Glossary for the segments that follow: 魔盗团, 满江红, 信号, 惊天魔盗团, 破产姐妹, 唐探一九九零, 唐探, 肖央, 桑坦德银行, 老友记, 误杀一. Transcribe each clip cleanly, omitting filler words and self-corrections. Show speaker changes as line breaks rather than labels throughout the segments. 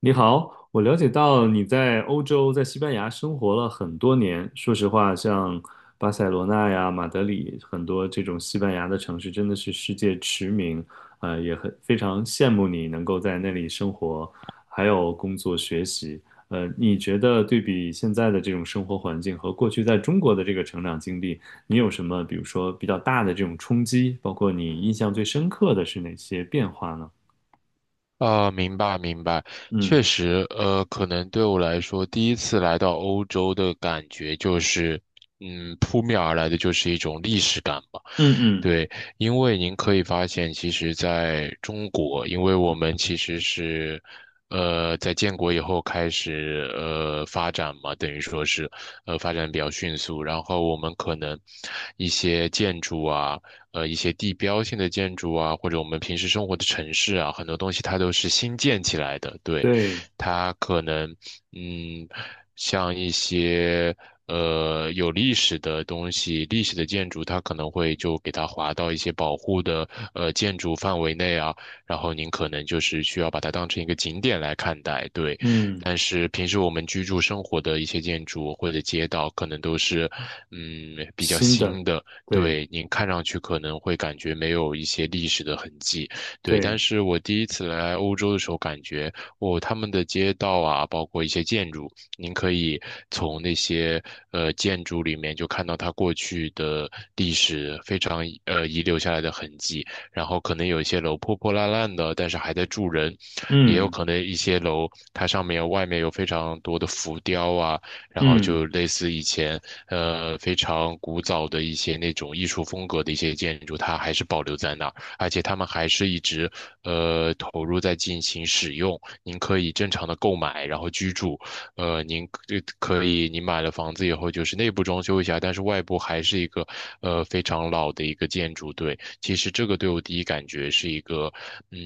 你好，我了解到你在欧洲，在西班牙生活了很多年。说实话，像巴塞罗那呀、马德里，很多这种西班牙的城市，真的是世界驰名。也很非常羡慕你能够在那里生活，还有工作学习。你觉得对比现在的这种生活环境和过去在中国的这个成长经历，你有什么，比如说比较大的这种冲击？包括你印象最深刻的是哪些变化呢？
啊，明白明白，
嗯
确实，可能对我来说，第一次来到欧洲的感觉就是，扑面而来的就是一种历史感吧。
嗯嗯，
对，因为您可以发现，其实在中国，因为我们其实是，在建国以后开始，发展嘛，等于说是，发展比较迅速，然后我们可能一些建筑啊。一些地标性的建筑啊，或者我们平时生活的城市啊，很多东西它都是新建起来的。对，
对，
它可能嗯，像一些有历史的东西、历史的建筑，它可能会就给它划到一些保护的建筑范围内啊，然后您可能就是需要把它当成一个景点来看待。对。
嗯。
但是平时我们居住生活的一些建筑或者街道，可能都是，比较
新的，
新的，
对
对，您看上去可能会感觉没有一些历史的痕迹，对。但
对，
是我第一次来欧洲的时候，感觉哦，他们的街道啊，包括一些建筑，您可以从那些建筑里面就看到它过去的历史非常遗留下来的痕迹。然后可能有一些楼破破烂烂的，但是还在住人，也有
嗯
可能一些楼它上面外面有非常多的浮雕啊。然后
嗯，
就类似以前非常古早的一些那种艺术风格的一些建筑，它还是保留在那儿，而且他们还是一直投入在进行使用。您可以正常的购买，然后居住，您可以您买了房子以后就是内部装修一下，但是外部还是一个非常老的一个建筑，对。其实这个对我第一感觉是一个，嗯，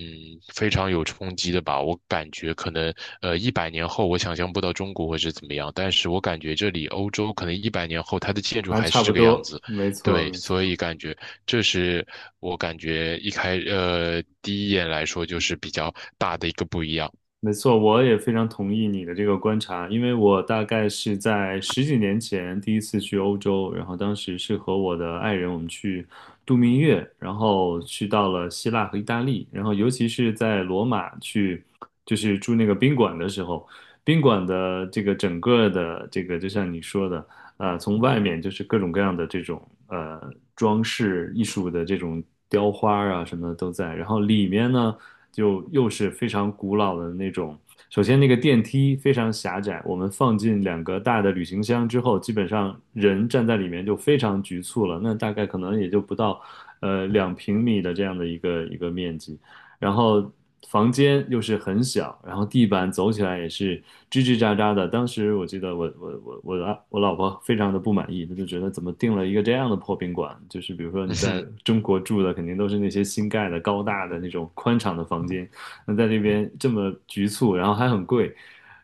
非常有冲击的吧。我感觉可能，一百年后我想象不到中国会是怎么样，但是我感觉这里欧洲可能一百年后它的建筑
还
还
差
是
不
这个样
多，
子，
没错
对，
没
所
错。
以感觉这是我感觉第一眼来说就是比较大的一个不一样。
没错，我也非常同意你的这个观察，因为我大概是在十几年前第一次去欧洲，然后当时是和我的爱人我们去度蜜月，然后去到了希腊和意大利，然后尤其是在罗马去，就是住那个宾馆的时候，宾馆的这个整个的这个就像你说的，从外面就是各种各样的这种装饰艺术的这种雕花啊什么的都在，然后里面呢。就又是非常古老的那种。首先，那个电梯非常狭窄，我们放进两个大的旅行箱之后，基本上人站在里面就非常局促了。那大概可能也就不到，两平米的这样的一个面积。然后房间又是很小，然后地板走起来也是吱吱喳喳的。当时我记得我老婆非常的不满意，她就觉得怎么订了一个这样的破宾馆？就是比如说你在 中国住的肯定都是那些新盖的高大的那种宽敞的房间，那在那边这么局促，然后还很贵。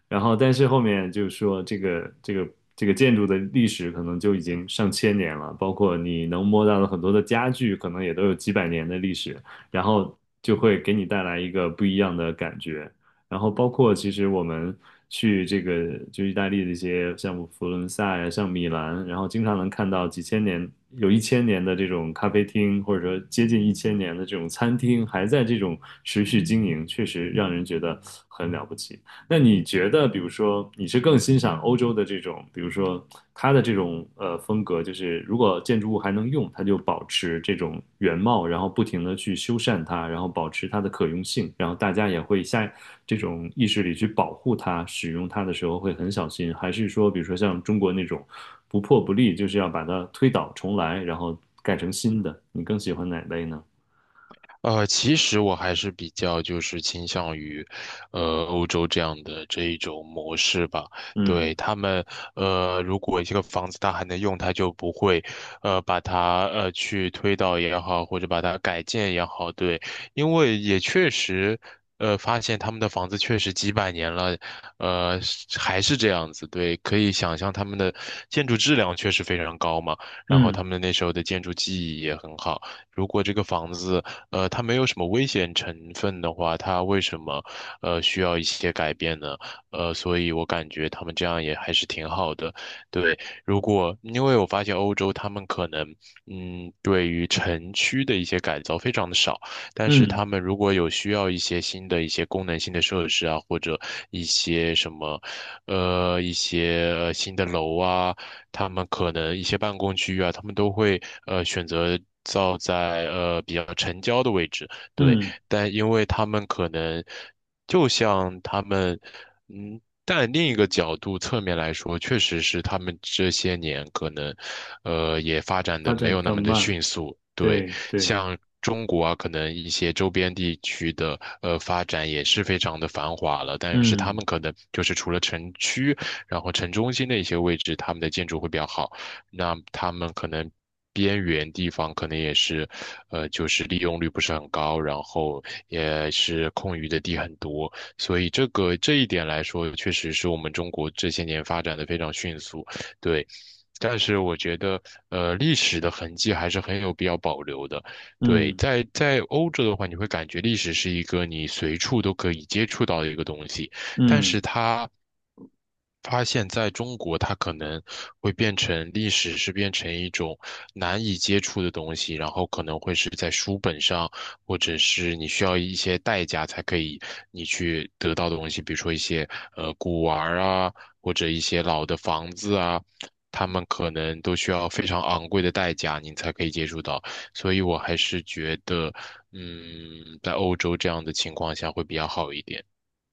然后，但是后面就是说，这个建筑的历史可能就已经上千年了，包括你能摸到的很多的家具，可能也都有几百年的历史。然后就会给你带来一个不一样的感觉。然后包括其实我们去这个就意大利的一些像佛罗伦萨呀，像米兰，然后经常能看到几千年有一千年的这种咖啡厅，或者说接近一千年的这种餐厅还在这种持续经营，确实让人觉得很了不起。那你觉得，比如说，你是更欣赏欧洲的这种，比如说它的这种风格，就是如果建筑物还能用，它就保持这种原貌，然后不停的去修缮它，然后保持它的可用性，然后大家也会下这种意识里去保护它，使用它的时候会很小心，还是说，比如说像中国那种不破不立，就是要把它推倒重来，然后盖成新的？你更喜欢哪类呢？
其实我还是比较就是倾向于，欧洲这样的这一种模式吧。对
嗯
他们，如果这个房子它还能用，它就不会，把它去推倒也好，或者把它改建也好。对，因为也确实，发现他们的房子确实几百年了，是还是这样子。对，可以想象他们的建筑质量确实非常高嘛，然后
嗯
他们那时候的建筑技艺也很好。如果这个房子，它没有什么危险成分的话，它为什么需要一些改变呢？所以我感觉他们这样也还是挺好的。对，如果因为我发现欧洲他们可能对于城区的一些改造非常的少，但是
嗯
他们如果有需要一些新的一些功能性的设施啊，或者一些什么一些新的楼啊。他们可能一些办公区域啊，他们都会选择造在比较城郊的位置，对，
嗯，
但因为他们可能就像他们，嗯。但另一个角度侧面来说，确实是他们这些年可能，也发展
发
的没
展比
有那
较
么的
慢，
迅速。对，
对对。
像中国啊，可能一些周边地区的发展也是非常的繁华了，但是他
嗯。
们可能就是除了城区然后城中心的一些位置，他们的建筑会比较好。那他们可能边缘地方可能也是，就是利用率不是很高，然后也是空余的地很多。所以这个这一点来说，确实是我们中国这些年发展的非常迅速，对。但是我觉得，历史的痕迹还是很有必要保留的。对，
嗯
在欧洲的话，你会感觉历史是一个你随处都可以接触到的一个东西。但是
嗯。
他发现在中国，它可能会变成历史是变成一种难以接触的东西，然后可能会是在书本上，或者是你需要一些代价才可以你去得到的东西，比如说一些古玩儿啊，或者一些老的房子啊。他们可能都需要非常昂贵的代价，你才可以接触到，所以我还是觉得，在欧洲这样的情况下会比较好一点。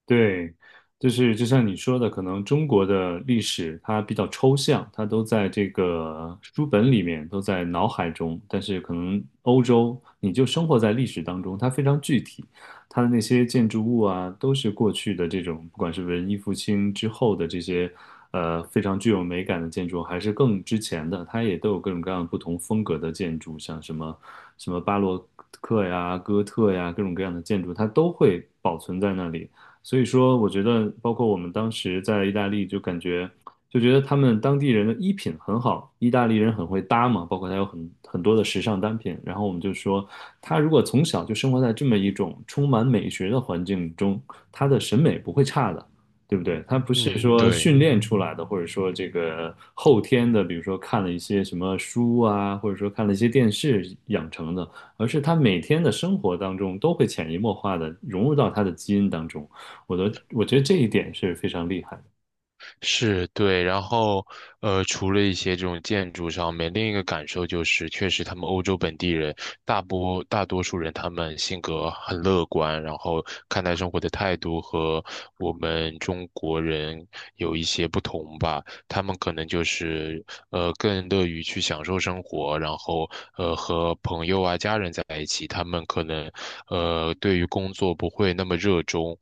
对，就是就像你说的，可能中国的历史它比较抽象，它都在这个书本里面，都在脑海中。但是可能欧洲，你就生活在历史当中，它非常具体，它的那些建筑物啊，都是过去的这种，不管是文艺复兴之后的这些，非常具有美感的建筑，还是更之前的，它也都有各种各样不同风格的建筑，像什么巴洛克呀、哥特呀，各种各样的建筑，它都会保存在那里。所以说，我觉得包括我们当时在意大利，就感觉就觉得他们当地人的衣品很好，意大利人很会搭嘛，包括他有很多的时尚单品。然后我们就说，他如果从小就生活在这么一种充满美学的环境中，他的审美不会差的，对不对？他不是
嗯，
说
对。
训练出来的，或者说这个后天的，比如说看了一些什么书啊，或者说看了一些电视养成的，而是他每天的生活当中都会潜移默化的融入到他的基因当中。我觉得这一点是非常厉害的。
是对，然后除了一些这种建筑上面，另一个感受就是，确实他们欧洲本地人大多数人他们性格很乐观，然后看待生活的态度和我们中国人有一些不同吧。他们可能就是更乐于去享受生活，然后和朋友啊家人在一起，他们可能对于工作不会那么热衷，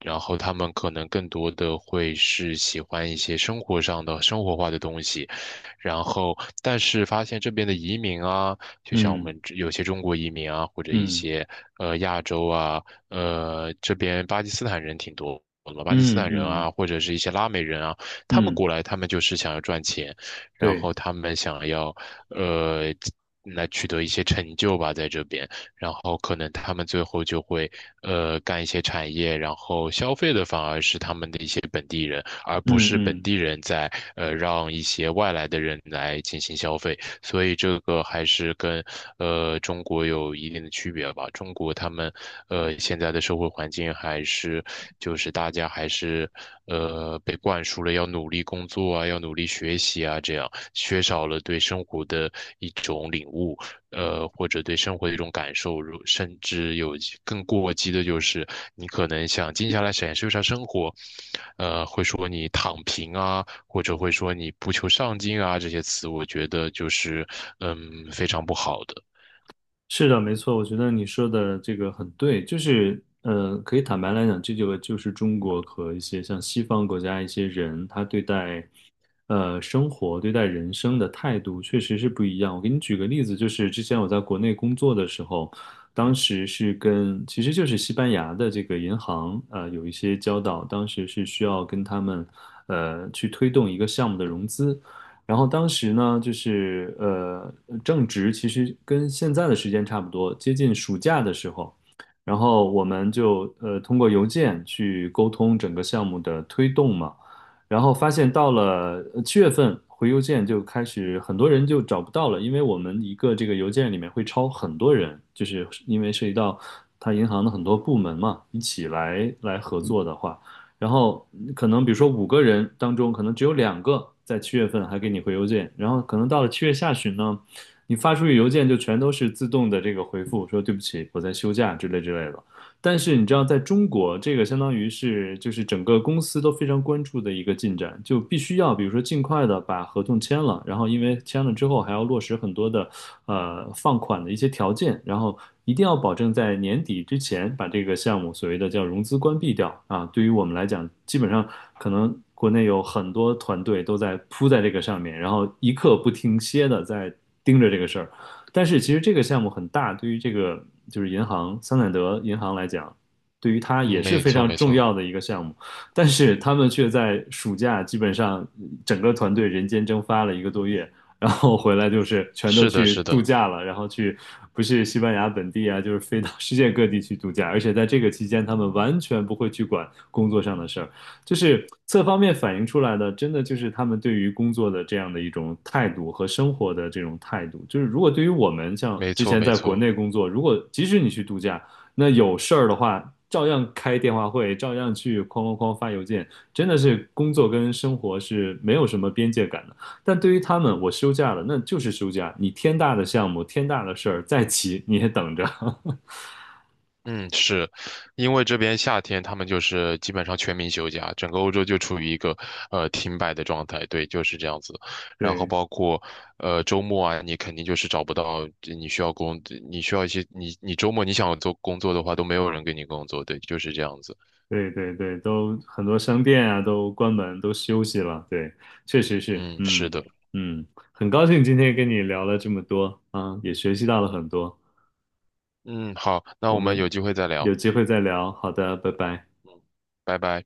然后他们可能更多的会是喜欢一些生活上的生活化的东西，然后但是发现这边的移民啊，就像我
嗯
们这有些中国移民啊，或者一
嗯
些亚洲啊，这边巴基斯坦人挺多的嘛，巴基斯
嗯
坦人
嗯
啊，或者是一些拉美人啊，他们
嗯，
过来，他们就是想要赚钱，然
对，
后他们想要，呃，来取得一些成就吧，在这边。然后可能他们最后就会干一些产业，然后消费的反而是他们的一些本地人，而不
嗯
是本
嗯。
地人在让一些外来的人来进行消费，所以这个还是跟中国有一定的区别吧。中国他们现在的社会环境还是就是大家还是被灌输了要努力工作啊，要努力学习啊，这样缺少了对生活的一种领悟。或者对生活的一种感受，甚至有一更过激的，就是你可能想静下来享受一下生活，会说你躺平啊，或者会说你不求上进啊，这些词，我觉得就是嗯非常不好的。
是的，没错，我觉得你说的这个很对，就是，可以坦白来讲，这就是中国和一些像西方国家一些人，他对待，生活、对待人生的态度确实是不一样。我给你举个例子，就是之前我在国内工作的时候，当时是跟，其实就是西班牙的这个银行，有一些交道，当时是需要跟他们，去推动一个项目的融资。然后当时呢，就是,正值其实跟现在的时间差不多，接近暑假的时候，然后我们就通过邮件去沟通整个项目的推动嘛，然后发现到了七月份回邮件就开始很多人就找不到了，因为我们一个这个邮件里面会超很多人，就是因为涉及到他银行的很多部门嘛，一起来合作的话。然后可能比如说五个人当中，可能只有两个在七月份还给你回邮件，然后可能到了七月下旬呢，你发出去邮件就全都是自动的这个回复，说对不起，我在休假之类之类的。但是你知道，在中国，这个相当于是就是整个公司都非常关注的一个进展，就必须要比如说尽快的把合同签了，然后因为签了之后还要落实很多的放款的一些条件，然后一定要保证在年底之前把这个项目所谓的叫融资关闭掉啊。对于我们来讲，基本上可能国内有很多团队都在扑在这个上面，然后一刻不停歇的在盯着这个事儿。但是其实这个项目很大，对于这个就是银行桑坦德银行来讲，对于它也
嗯，
是
没
非
错
常
没
重
错，
要的一个项目，但是他们却在暑假基本上整个团队人间蒸发了一个多月，然后回来就是全都
是的
去
是
度
的，
假了，然后去不是西班牙本地啊，就是飞到世界各地去度假，而且在这个期间，他们完全不会去管工作上的事儿，就是侧方面反映出来的，真的就是他们对于工作的这样的一种态度和生活的这种态度。就是如果对于我们像
没
之
错
前
没
在国
错。
内工作，如果即使你去度假，那有事儿的话，照样开电话会，照样去哐哐哐发邮件，真的是工作跟生活是没有什么边界感的。但对于他们，我休假了，那就是休假，你天大的项目、天大的事儿再急你也等着。
嗯，是，因为这边夏天他们就是基本上全民休假，整个欧洲就处于一个停摆的状态，对，就是这样子。然后
对，
包括周末啊，你肯定就是找不到你需要工，你需要一些你周末你想做工作的话，都没有人给你工作，对，就是这样子。
对对对，都很多商店啊都关门，都休息了。对，确实是，
嗯，是
嗯
的，
嗯，很高兴今天跟你聊了这么多啊，也学习到了很多。
嗯，好，那
我
我们有
们
机会再
有
聊，
机会再聊。好的，拜拜。
嗯，拜拜。